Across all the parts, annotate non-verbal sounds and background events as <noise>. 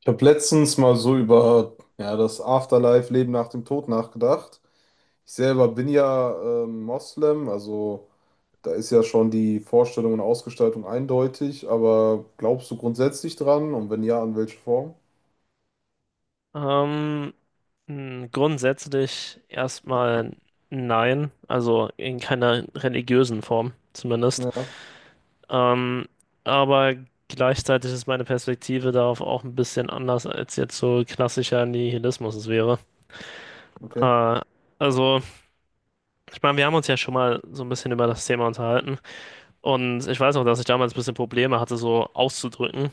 Ich habe letztens mal so über ja, das Afterlife, Leben nach dem Tod nachgedacht. Ich selber bin ja Moslem, also da ist ja schon die Vorstellung und Ausgestaltung eindeutig, aber glaubst du grundsätzlich dran? Und wenn ja, an welche Form? Ähm, grundsätzlich erstmal nein, also in keiner religiösen Form zumindest. Ja, Ähm, aber gleichzeitig ist meine Perspektive darauf auch ein bisschen anders, als jetzt so klassischer Nihilismus es wäre. okay. Äh, also, ich meine, wir haben uns ja schon mal so ein bisschen über das Thema unterhalten und ich weiß noch, dass ich damals ein bisschen Probleme hatte, so auszudrücken,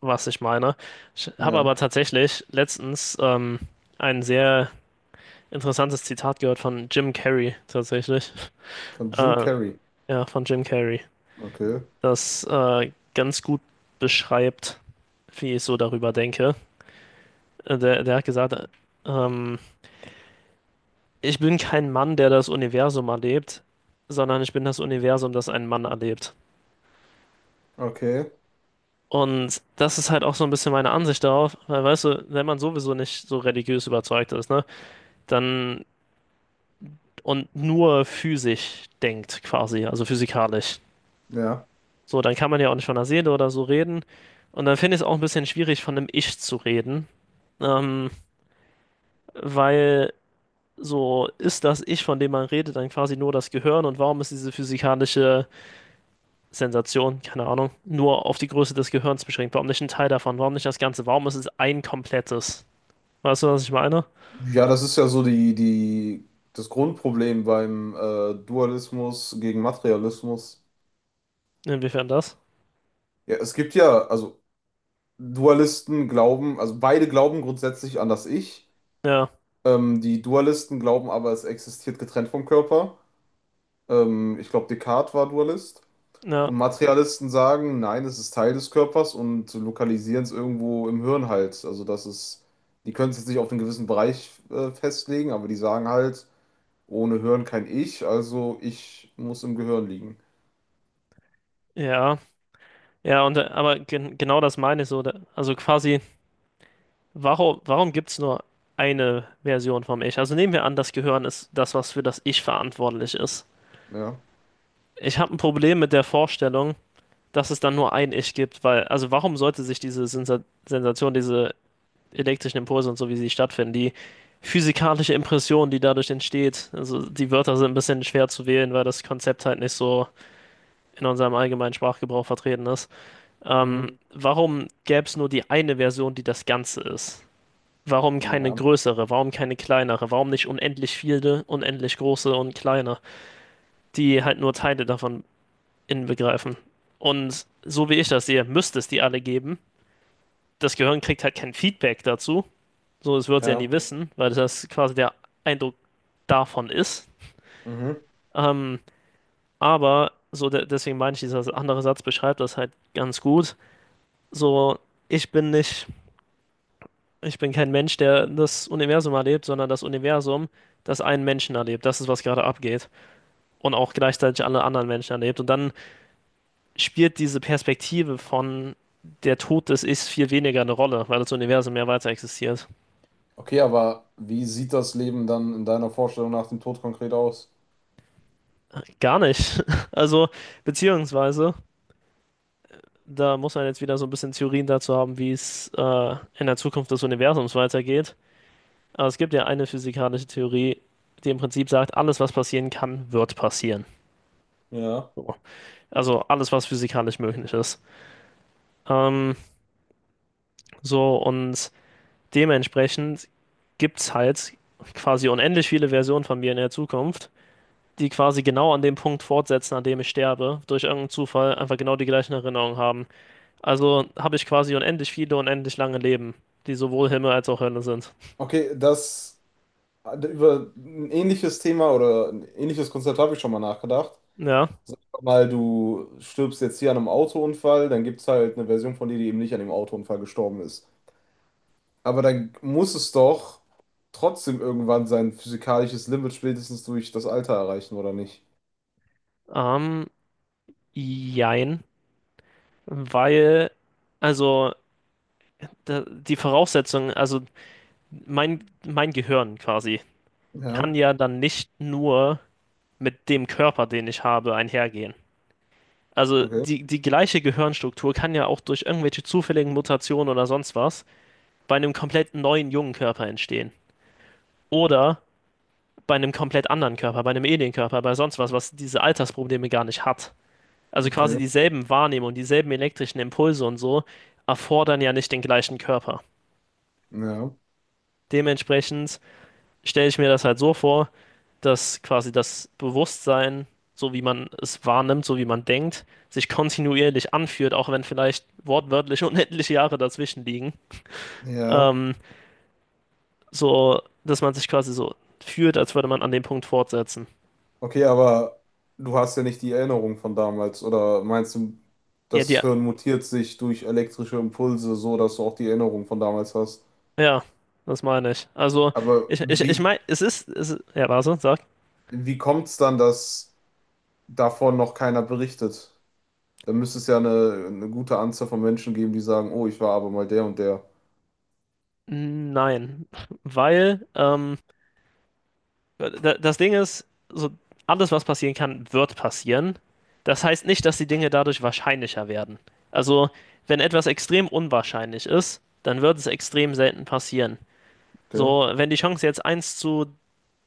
was ich meine. Ich habe Ja, aber tatsächlich letztens einen sehr interessantes Zitat gehört von Jim Carrey tatsächlich. von Jim Äh, Carrey. ja, von Jim Carrey. Okay, Das ganz gut beschreibt, wie ich so darüber denke. Der hat gesagt, ähm, ich bin kein Mann, der das Universum erlebt, sondern ich bin das Universum, das einen Mann erlebt. okay, Und das ist halt auch so ein bisschen meine Ansicht darauf, weil weißt du, wenn man sowieso nicht so religiös überzeugt ist, ne, dann und nur physisch denkt quasi, also physikalisch. ja. So, dann kann man ja auch nicht von der Seele oder so reden. Und dann finde ich es auch ein bisschen schwierig, von einem Ich zu reden. Ähm, Weil so ist das Ich, von dem man redet, dann quasi nur das Gehirn. Und warum ist diese physikalische Sensation, keine Ahnung, nur auf die Größe des Gehirns beschränkt? Warum nicht ein Teil davon? Warum nicht das Ganze? Warum ist es ein komplettes? Weißt du, was ich meine? Ja, das ist ja so das Grundproblem beim Dualismus gegen Materialismus. Inwiefern das? Ja, es gibt ja, also Dualisten glauben, also beide glauben grundsätzlich an das Ich. Ja, Die Dualisten glauben aber, es existiert getrennt vom Körper. Ich glaube, Descartes war Dualist. ja, Und Materialisten sagen, nein, es ist Teil des Körpers und lokalisieren es irgendwo im Hirn halt. Also das ist, die können es jetzt nicht auf einen gewissen Bereich festlegen, aber die sagen halt, ohne Hirn kein Ich, also ich muss im Gehirn liegen. ja. Ja, und aber genau das meine ich so. Also quasi. Warum gibt es nur eine Version vom Ich? Also nehmen wir an, das Gehirn ist das, was für das Ich verantwortlich ist. Ja. Ich habe ein Problem mit der Vorstellung, dass es dann nur ein Ich gibt, weil, also warum sollte sich diese Sensa Sensation, diese elektrischen Impulse und so, wie sie stattfinden, die physikalische Impression, die dadurch entsteht, also die Wörter sind ein bisschen schwer zu wählen, weil das Konzept halt nicht so in unserem allgemeinen Sprachgebrauch vertreten ist. Mhm. Warum gäbe es nur die eine Version, die das Ganze ist? Warum keine Ja. größere? Warum keine kleinere? Warum nicht unendlich viele, unendlich große und kleine, die halt nur Teile davon inbegreifen? Und so wie ich das sehe, müsste es die alle geben. Das Gehirn kriegt halt kein Feedback dazu. So, es wird es ja nie Ja. wissen, weil das quasi der Eindruck davon ist. Mhm. Ähm, aber so, de deswegen meine ich, dieser andere Satz beschreibt das halt ganz gut. So, ich bin nicht, ich bin kein Mensch, der das Universum erlebt, sondern das Universum, das einen Menschen erlebt. Das ist, was gerade abgeht. Und auch gleichzeitig alle anderen Menschen erlebt. Und dann spielt diese Perspektive von der Tod des Ichs viel weniger eine Rolle, weil das Universum mehr weiter existiert. Okay, aber wie sieht das Leben dann in deiner Vorstellung nach dem Tod konkret aus? Gar nicht. <laughs> Also, beziehungsweise, da muss man jetzt wieder so ein bisschen Theorien dazu haben, wie es in der Zukunft des Universums weitergeht. Aber es gibt ja eine physikalische Theorie, die im Prinzip sagt, alles, was passieren kann, wird passieren. Ja. So. Also alles, was physikalisch möglich ist. Ähm, so, und Dementsprechend gibt es halt quasi unendlich viele Versionen von mir in der Zukunft, die quasi genau an dem Punkt fortsetzen, an dem ich sterbe, durch irgendeinen Zufall einfach genau die gleichen Erinnerungen haben. Also habe ich quasi unendlich viele, unendlich lange Leben, die sowohl Himmel als auch Hölle sind. Okay, das über ein ähnliches Thema oder ein ähnliches Konzept habe ich schon mal nachgedacht. Ja, Sag mal, du stirbst jetzt hier an einem Autounfall, dann gibt es halt eine Version von dir, die eben nicht an dem Autounfall gestorben ist. Aber dann muss es doch trotzdem irgendwann sein physikalisches Limit spätestens durch das Alter erreichen, oder nicht? ähm, jein, weil, also die Voraussetzung, also mein Gehirn quasi, Ja, kann ja dann nicht nur mit dem Körper, den ich habe, einhergehen. Also okay, die gleiche Gehirnstruktur kann ja auch durch irgendwelche zufälligen Mutationen oder sonst was bei einem komplett neuen jungen Körper entstehen. Oder bei einem komplett anderen Körper, bei einem Alienkörper, bei sonst was, was diese Altersprobleme gar nicht hat. Also quasi okay, dieselben Wahrnehmungen, dieselben elektrischen Impulse und so erfordern ja nicht den gleichen Körper. ja, Dementsprechend stelle ich mir das halt so vor, dass quasi das Bewusstsein, so wie man es wahrnimmt, so wie man denkt, sich kontinuierlich anfühlt, auch wenn vielleicht wortwörtlich <laughs> unendliche Jahre dazwischen liegen. ja. Ähm, so, dass man sich quasi so fühlt, als würde man an dem Punkt fortsetzen. Okay, aber du hast ja nicht die Erinnerung von damals, oder meinst du, Ja, das die, Hirn mutiert sich durch elektrische Impulse so, dass du auch die Erinnerung von damals hast? ja, das meine ich. Also, Aber ich wie, meine, es, ist- ja, warte, sag. wie kommt es dann, dass davon noch keiner berichtet? Da müsste es ja eine gute Anzahl von Menschen geben, die sagen, oh, ich war aber mal der und der. Nein, weil, Da- das Ding ist, so alles, was passieren kann, wird passieren. Das heißt nicht, dass die Dinge dadurch wahrscheinlicher werden. Also, wenn etwas extrem unwahrscheinlich ist, dann wird es extrem selten passieren. Okay. So, wenn die Chancen jetzt eins zu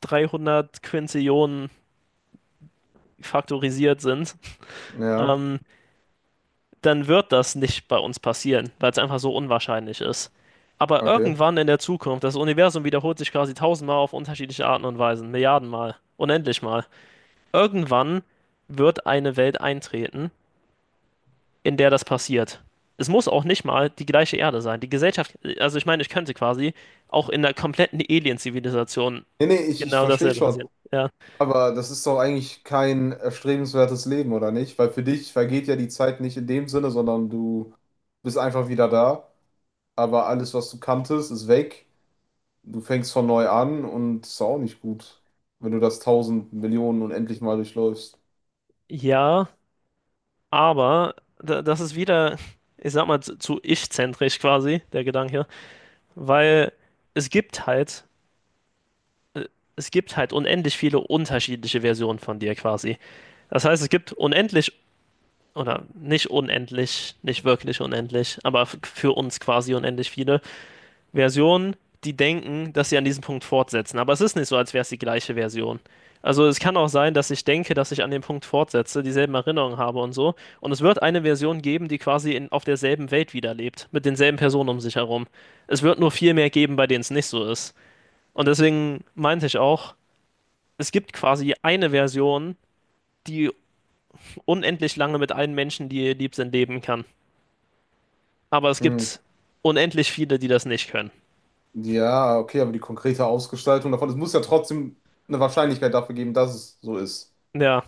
300 Quintillionen faktorisiert sind, Ja, ähm, dann wird das nicht bei uns passieren, weil es einfach so unwahrscheinlich ist. Aber okay. irgendwann in der Zukunft, das Universum wiederholt sich quasi tausendmal auf unterschiedliche Arten und Weisen, Milliardenmal, unendlich mal. Irgendwann wird eine Welt eintreten, in der das passiert. Es muss auch nicht mal die gleiche Erde sein. Die Gesellschaft, also ich meine, ich könnte quasi auch in der kompletten Alien-Zivilisation Nee, nee, ich genau verstehe dasselbe schon. passieren. Ja, Aber das ist doch eigentlich kein erstrebenswertes Leben, oder nicht? Weil für dich vergeht ja die Zeit nicht in dem Sinne, sondern du bist einfach wieder da. Aber alles, was du kanntest, ist weg. Du fängst von neu an und ist auch nicht gut, wenn du das tausend Millionen unendlich mal durchläufst. ja, aber da, das ist wieder, ich sag mal, zu ich-zentrisch quasi, der Gedanke, weil es gibt halt, äh, es gibt halt unendlich viele unterschiedliche Versionen von dir quasi. Das heißt, es gibt unendlich oder nicht unendlich, nicht wirklich unendlich, aber für uns quasi unendlich viele Versionen, die denken, dass sie an diesem Punkt fortsetzen. Aber es ist nicht so, als wäre es die gleiche Version. Also es kann auch sein, dass ich denke, dass ich an dem Punkt fortsetze, dieselben Erinnerungen habe und so. Und es wird eine Version geben, die quasi in, auf derselben Welt wiederlebt, mit denselben Personen um sich herum. Es wird nur viel mehr geben, bei denen es nicht so ist. Und deswegen meinte ich auch, es gibt quasi eine Version, die unendlich lange mit allen Menschen, die ihr lieb sind, leben kann. Aber es Hm. gibt unendlich viele, die das nicht können. Ja, okay, aber die konkrete Ausgestaltung davon, es muss ja trotzdem eine Wahrscheinlichkeit dafür geben, dass es so ist. Ja,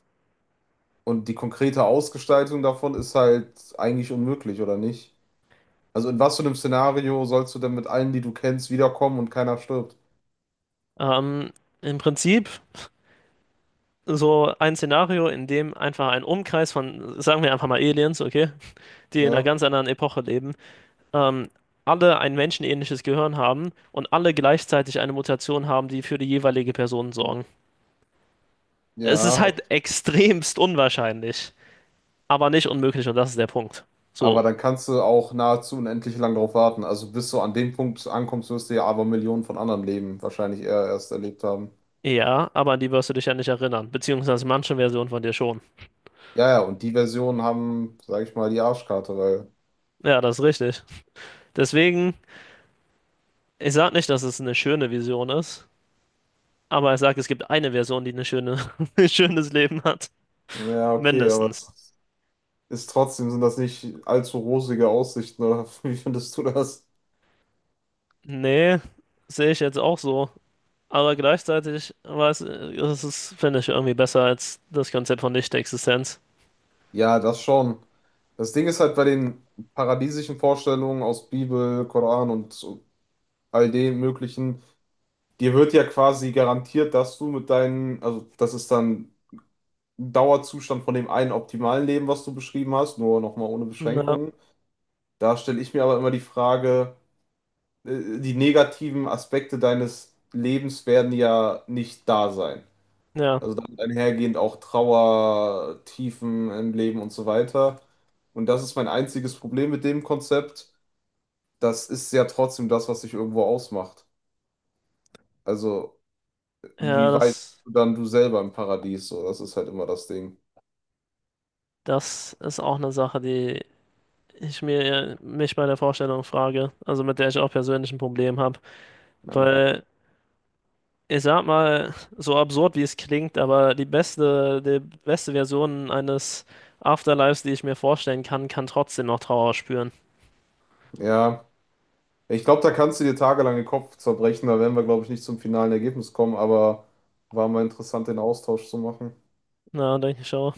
Und die konkrete Ausgestaltung davon ist halt eigentlich unmöglich, oder nicht? Also in was für einem Szenario sollst du denn mit allen, die du kennst, wiederkommen und keiner stirbt? ähm, im Prinzip so ein Szenario, in dem einfach ein Umkreis von, sagen wir einfach mal Aliens, okay, die in einer Ja, ganz anderen Epoche leben, ähm, alle ein menschenähnliches Gehirn haben und alle gleichzeitig eine Mutation haben, die für die jeweilige Person sorgen. Es ist ja, ok- halt extremst unwahrscheinlich, aber nicht unmöglich und das ist der Punkt. aber So, dann kannst du auch nahezu unendlich lang drauf warten. Also bis du an dem Punkt ankommst, wirst du ja aber Millionen von anderen Leben wahrscheinlich eher erst erlebt haben. ja, aber an die wirst du dich ja nicht erinnern, beziehungsweise manche Version von dir schon. Ja, ja, und die Versionen haben, sag ich mal, die Arschkarte, weil. Ja, das ist richtig. Deswegen ich sag nicht, dass es eine schöne Vision ist, aber ich sag, es gibt eine Version, die eine schöne, <laughs> ein schönes Leben hat. Ja, okay, aber es Mindestens. ist ist trotzdem, sind das nicht allzu rosige Aussichten, oder <laughs> wie findest du das? Nee, sehe ich jetzt auch so. Aber gleichzeitig weiß, das ist, finde ich, irgendwie besser als das Konzept von Nichtexistenz. Ja, das schon. Das Ding ist halt bei den paradiesischen Vorstellungen aus Bibel, Koran und so all dem möglichen, dir wird ja quasi garantiert, dass du mit deinen, also das ist dann ein Dauerzustand von dem einen optimalen Leben, was du beschrieben hast, nur nochmal ohne Na, Beschränkungen. Da stelle ich mir aber immer die Frage, die negativen Aspekte deines Lebens werden ja nicht da sein. ja. Also damit einhergehend auch Trauer, Tiefen im Leben und so weiter. Und das ist mein einziges Problem mit dem Konzept. Das ist ja trotzdem das, was sich irgendwo ausmacht. Also Ja, wie weit bist das, du dann du selber im Paradies? So, das ist halt immer das Ding. das ist auch eine Sache, die ich mir mich bei der Vorstellung frage. Also mit der ich auch persönlich ein Problem habe. Ja, Weil ich sag mal, so absurd wie es klingt, aber die beste Version eines Afterlives, die ich mir vorstellen kann, kann trotzdem noch Trauer spüren. ja. Ich glaube, da kannst du dir tagelang den Kopf zerbrechen. Da werden wir, glaube ich, nicht zum finalen Ergebnis kommen, aber war mal interessant, den Austausch zu machen. Na, denke ich schon.